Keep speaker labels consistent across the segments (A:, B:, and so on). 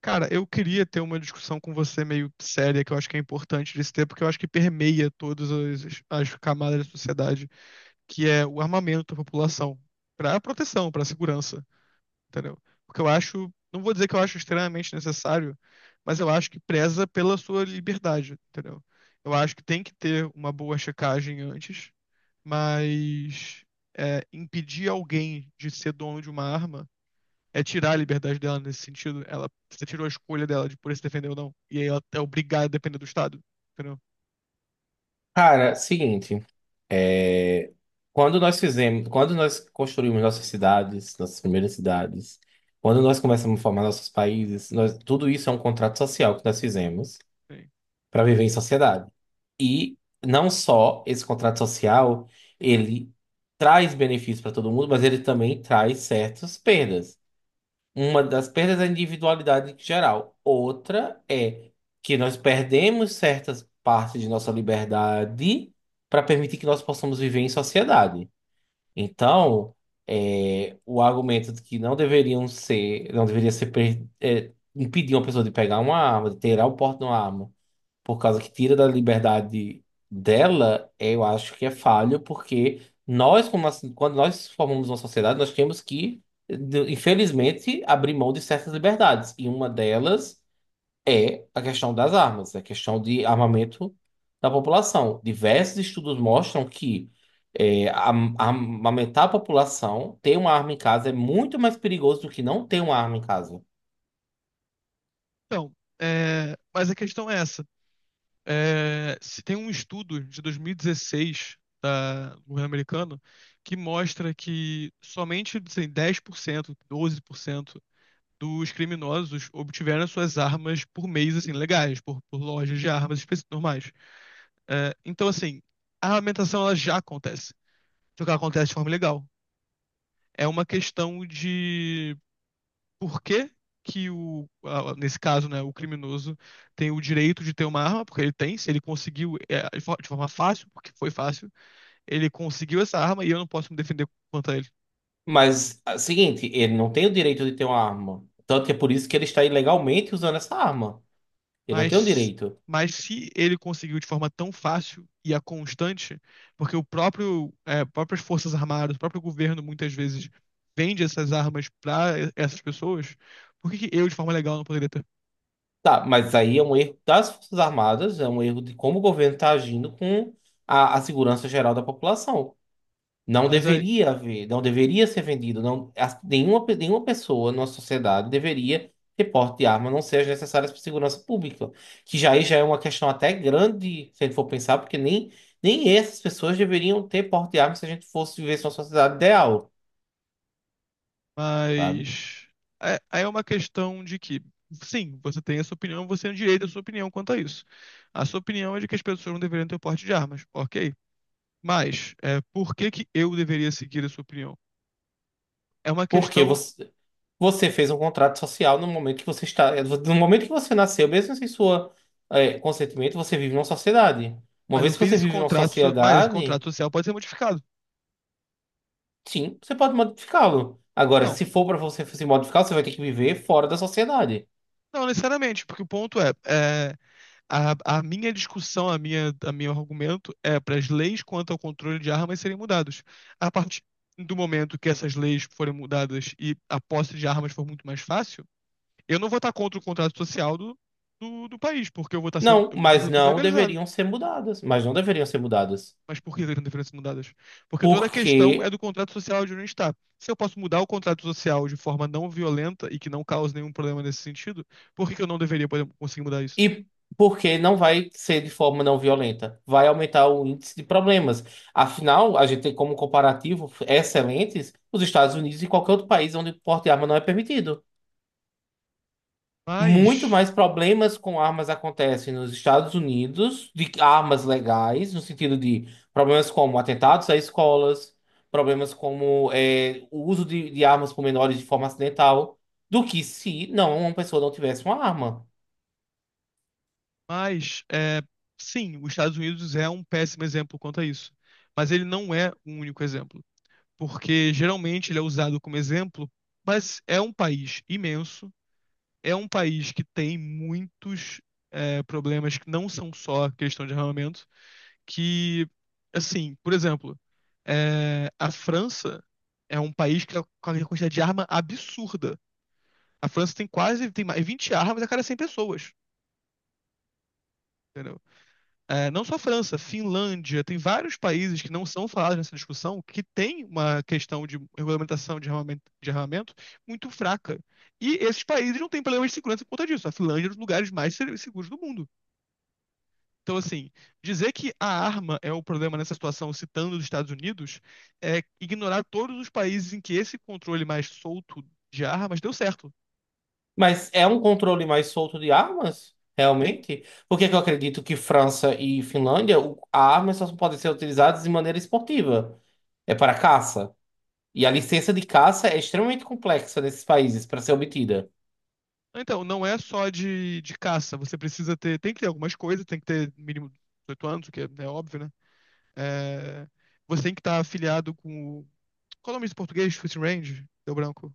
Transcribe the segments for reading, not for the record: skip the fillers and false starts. A: Cara, eu queria ter uma discussão com você meio séria, que eu acho que é importante de se ter, porque eu acho que permeia todas as camadas da sociedade, que é o armamento da população, para proteção, para segurança, entendeu? Porque eu acho, não vou dizer que eu acho extremamente necessário, mas eu acho que preza pela sua liberdade, entendeu? Eu acho que tem que ter uma boa checagem antes, mas impedir alguém de ser dono de uma arma é tirar a liberdade dela nesse sentido. Ela, você tirou a escolha dela de por se defender ou não. E aí ela é obrigada a depender do Estado. Entendeu?
B: Cara, seguinte, é, quando nós fizemos, quando nós construímos nossas cidades, nossas primeiras cidades, quando nós começamos a formar nossos países, tudo isso é um contrato social que nós fizemos
A: É.
B: para viver em sociedade. E não só esse contrato social, ele traz benefícios para todo mundo, mas ele também traz certas perdas. Uma das perdas da individualidade geral. Outra é que nós perdemos certas partes de nossa liberdade para permitir que nós possamos viver em sociedade. Então, o argumento de que não deveriam ser, não deveria ser impedir uma pessoa de pegar uma arma, de ter o porte de uma arma por causa que tira da liberdade dela, eu acho que é falho, porque nós, como assim, quando nós formamos uma sociedade, nós temos que, infelizmente, abrir mão de certas liberdades. E uma delas é a questão das armas, é a questão de armamento da população. Diversos estudos mostram que armamentar a população, ter uma arma em casa é muito mais perigoso do que não ter uma arma em casa.
A: Então, mas a questão é essa. É, se tem um estudo de 2016 do governo americano que mostra que somente assim, 10%, 12% dos criminosos obtiveram suas armas por meios assim, legais, por lojas de armas específicas normais. É, então, assim, a armamentação ela já acontece. Só que ela acontece de forma ilegal. É uma questão de por que que nesse caso, né, o criminoso tem o direito de ter uma arma, porque ele tem, se ele conseguiu, de forma fácil, porque foi fácil, ele conseguiu essa arma e eu não posso me defender contra ele.
B: Mas, é o seguinte, ele não tem o direito de ter uma arma. Tanto que é por isso que ele está ilegalmente usando essa arma. Ele não tem o
A: Mas,
B: direito.
A: mas se ele conseguiu de forma tão fácil e a constante, porque o próprio, próprias forças armadas, o próprio governo muitas vezes vende essas armas para essas pessoas, por que que eu, de forma legal, não poderia ter?
B: Tá, mas aí é um erro das Forças Armadas, é um erro de como o governo está agindo com a segurança geral da população. Não
A: Mas é,
B: deveria haver, não deveria ser vendido, não, nenhuma, nenhuma pessoa na nossa sociedade deveria ter porte de arma, a não ser as necessárias para segurança pública, que já aí já é uma questão até grande, se a gente for pensar, porque nem, nem essas pessoas deveriam ter porte de arma se a gente fosse viver numa sociedade ideal, sabe?
A: Mas é uma questão de que, sim, você tem a sua opinião, você tem o direito à sua opinião quanto a isso. A sua opinião é de que as pessoas não deveriam ter porte de armas, ok? Mas é, por que que eu deveria seguir a sua opinião? É uma
B: Porque
A: questão,
B: você, você fez um contrato social no momento que você está, no momento que você nasceu, mesmo sem sua, consentimento, você vive numa sociedade. Uma
A: mas eu
B: vez que
A: fiz
B: você
A: esse
B: vive numa
A: contrato, mas esse contrato
B: sociedade.
A: social pode ser modificado.
B: Sim, você pode modificá-lo. Agora,
A: Então,
B: se for para você se modificar, você vai ter que viver fora da sociedade.
A: não necessariamente, porque o ponto é a minha discussão, a meu argumento é para as leis quanto ao controle de armas serem mudadas. A partir do momento que essas leis forem mudadas e a posse de armas for muito mais fácil, eu não vou estar contra o contrato social do país, porque
B: Não,
A: eu vou estar
B: mas
A: sendo tudo
B: não
A: legalizado.
B: deveriam ser mudadas. Mas não deveriam ser mudadas.
A: Mas por que seriam diferenças mudadas? Porque toda a questão é
B: Porque
A: do contrato social de onde está. Se eu posso mudar o contrato social de forma não violenta e que não cause nenhum problema nesse sentido, por que que eu não deveria poder, conseguir mudar isso?
B: e porque não vai ser de forma não violenta. Vai aumentar o índice de problemas. Afinal, a gente tem como comparativo excelentes os Estados Unidos e qualquer outro país onde o porte de arma não é permitido. Muito
A: Mas
B: mais problemas com armas acontecem nos Estados Unidos, de armas legais, no sentido de problemas como atentados a escolas, problemas como o uso de armas por menores de forma acidental, do que se não uma pessoa não tivesse uma arma.
A: Mas, é, sim, os Estados Unidos é um péssimo exemplo quanto a isso. Mas ele não é o único exemplo. Porque geralmente ele é usado como exemplo, mas é um país imenso, é um país que tem muitos problemas que não são só questão de armamento, que, assim, por exemplo, a França é um país que tem uma quantidade de arma absurda. A França tem quase, tem mais 20 armas a cada 100 pessoas, entendeu? É, não só a França, Finlândia, tem vários países que não são falados nessa discussão que tem uma questão de regulamentação de armamento muito fraca. E esses países não têm problema de segurança por conta disso. A Finlândia é um dos lugares mais seguros do mundo. Então, assim, dizer que a arma é o problema nessa situação, citando os Estados Unidos, é ignorar todos os países em que esse controle mais solto de armas deu certo.
B: Mas é um controle mais solto de armas,
A: Tem-
B: realmente? Porque é que eu acredito que França e Finlândia, a arma só podem ser utilizadas de maneira esportiva, é para caça. E a licença de caça é extremamente complexa nesses países para ser obtida.
A: Então, não é só de caça. Você precisa ter. Tem que ter algumas coisas, tem que ter mínimo 18 anos, o que é óbvio, né? É, você tem que estar afiliado com o. Qual é o nome desse português? Shooting Range? Deu branco.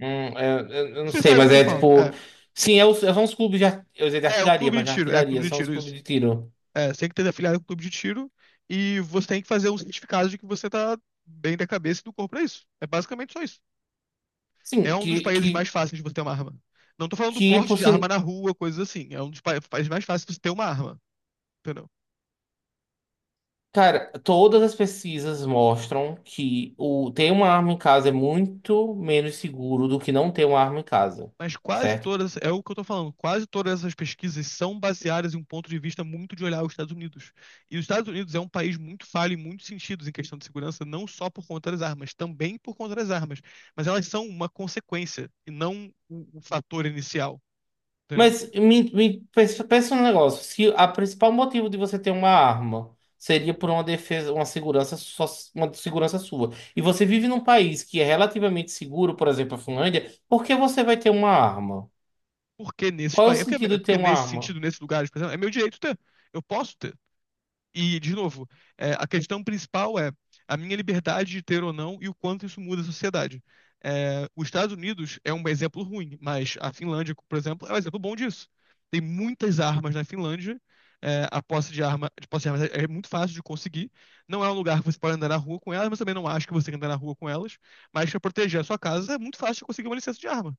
B: Hum, eu não
A: Você
B: sei,
A: sabe o que
B: mas
A: eu tô
B: é
A: falando. É.
B: tipo. Sim, é são os clubes de, eu ia dizer de
A: É um
B: artilharia,
A: clube de
B: mas de
A: tiro. É,
B: artilharia,
A: clube de
B: são os
A: tiro,
B: clubes
A: isso.
B: de tiro.
A: É, você tem que ter afiliado com o clube de tiro e você tem que fazer um certificado de que você tá bem da cabeça e do corpo pra isso. É basicamente só isso. É
B: Sim,
A: um dos países mais
B: que,
A: fáceis de você ter uma arma. Não tô falando do
B: que
A: porte
B: por
A: de arma
B: sin-
A: na rua, coisas assim. É um dos países mais fáceis de você ter uma arma. Entendeu?
B: Cara, todas as pesquisas mostram que o ter uma arma em casa é muito menos seguro do que não ter uma arma em casa,
A: Mas quase
B: certo?
A: todas, é o que eu tô falando, quase todas essas pesquisas são baseadas em um ponto de vista muito de olhar os Estados Unidos. E os Estados Unidos é um país muito falho em muitos sentidos em questão de segurança, não só por conta das armas, também por conta das armas. Mas elas são uma consequência e não o fator inicial, entendeu?
B: Mas me, pensa, pensa um negócio. Se a principal motivo de você ter uma arma seria por uma defesa, uma segurança, só, uma segurança sua, e você vive num país que é relativamente seguro, por exemplo, a Finlândia, por que você vai ter uma arma?
A: Porque nesses
B: Qual é o
A: países,
B: sentido de ter
A: porque
B: uma
A: nesse
B: arma?
A: sentido, nesses lugares, por exemplo, é meu direito ter. Eu posso ter. E, de novo, a questão principal é a minha liberdade de ter ou não e o quanto isso muda a sociedade. É, os Estados Unidos é um exemplo ruim, mas a Finlândia, por exemplo, é um exemplo bom disso. Tem muitas armas na Finlândia, a posse de arma, de posse de armas é, é muito fácil de conseguir. Não é um lugar que você pode andar na rua com elas, mas também não acho que você tem que andar na rua com elas. Mas para proteger a sua casa é muito fácil de conseguir uma licença de arma.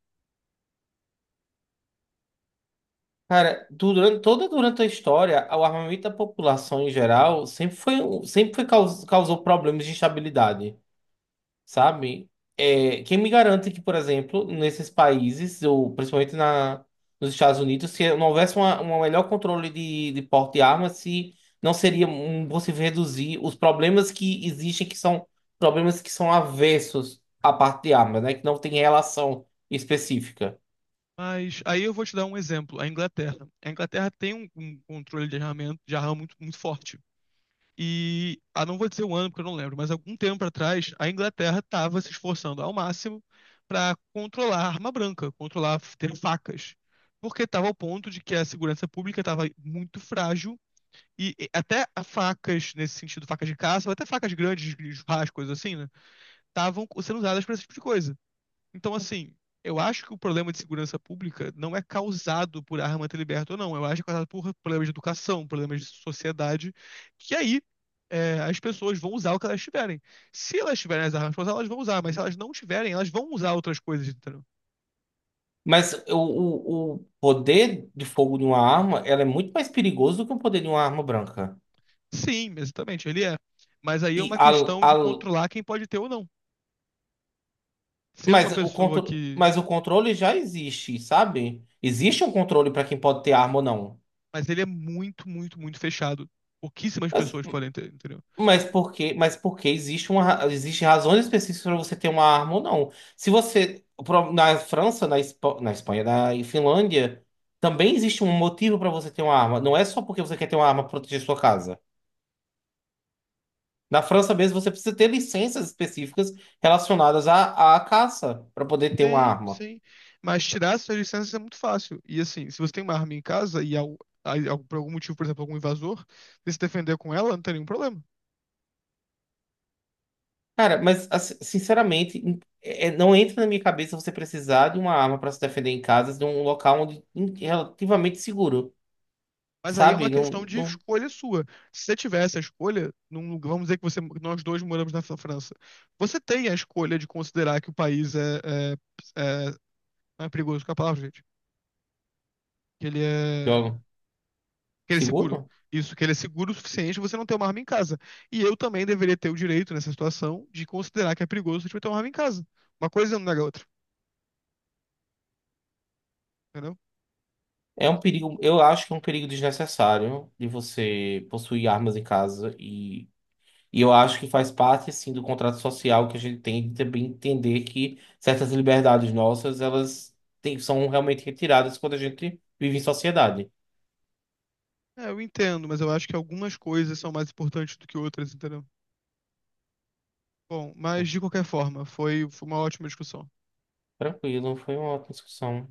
B: Cara, durante, toda durante a história, o armamento da população em geral sempre foi, sempre foi, causou problemas de instabilidade. Sabe? É, quem me garante que, por exemplo, nesses países, ou principalmente na, nos Estados Unidos, se não houvesse uma, um melhor controle de porte de armas, se não seria possível reduzir os problemas que existem, que são problemas que são avessos à parte de armas, né? Que não tem relação específica.
A: Mas aí eu vou te dar um exemplo, a Inglaterra. A Inglaterra tem um controle de arma muito, muito forte. E, ah, não vou dizer o ano, porque eu não lembro, mas algum tempo atrás, a Inglaterra estava se esforçando ao máximo para controlar a arma branca, controlar ter facas, porque estava ao ponto de que a segurança pública estava muito frágil e até a facas, nesse sentido, facas de caça, ou até facas grandes, de churrasco, coisas assim, né, estavam sendo usadas para esse tipo de coisa. Então, assim, eu acho que o problema de segurança pública não é causado por arma ter liberta ou não. Eu acho que é causado por problemas de educação, problemas de sociedade, que aí as pessoas vão usar o que elas tiverem. Se elas tiverem as armas pra usar, elas vão usar, mas se elas não tiverem, elas vão usar outras coisas, entendeu?
B: Mas o poder de fogo de uma arma, ela é muito mais perigoso do que o poder de uma arma branca.
A: Sim, exatamente, ele é. Mas aí é
B: E
A: uma
B: a,
A: questão de controlar quem pode ter ou não. Ser uma
B: Mas o
A: pessoa
B: contro...
A: que.
B: Mas o controle já existe, sabe? Existe um controle para quem pode ter arma ou não.
A: Mas ele é muito, muito, muito fechado. Pouquíssimas
B: Mas,
A: pessoas podem ter, entendeu?
B: mas por quê? Mas porque existe uma... existe razões específicas para você ter uma arma ou não. Se você na França, na, na Espanha, na Finlândia, também existe um motivo para você ter uma arma. Não é só porque você quer ter uma arma para proteger sua casa. Na França mesmo, você precisa ter licenças específicas relacionadas à, à caça para poder ter uma
A: Sim,
B: arma.
A: sim. Mas tirar essas licenças é muito fácil. E assim, se você tem uma arma em casa e por algum motivo, por exemplo, algum invasor, você se defender com ela, não tem nenhum problema.
B: Cara, mas assim, sinceramente, não entra na minha cabeça você precisar de uma arma para se defender em casa, de um local onde relativamente seguro,
A: Mas aí é uma
B: sabe?
A: questão
B: Não,
A: de
B: não,
A: escolha sua. Se você tiver essa escolha, vamos dizer que você, nós dois moramos na França, você tem a escolha de considerar que o país é, não é perigoso com a palavra, gente. Que ele é.
B: eu-
A: Que ele é seguro.
B: seguro?
A: Isso, que ele é seguro o suficiente pra você não ter uma arma em casa. E eu também deveria ter o direito, nessa situação, de considerar que é perigoso você ter uma arma em casa. Uma coisa não nega a outra, entendeu?
B: É um perigo, eu acho que é um perigo desnecessário de você possuir armas em casa e eu acho que faz parte assim do contrato social que a gente tem de também entender que certas liberdades nossas, elas são realmente retiradas quando a gente vive em sociedade.
A: É, eu entendo, mas eu acho que algumas coisas são mais importantes do que outras, entendeu? Bom, mas de qualquer forma, foi uma ótima discussão.
B: Tranquilo, foi uma ótima discussão.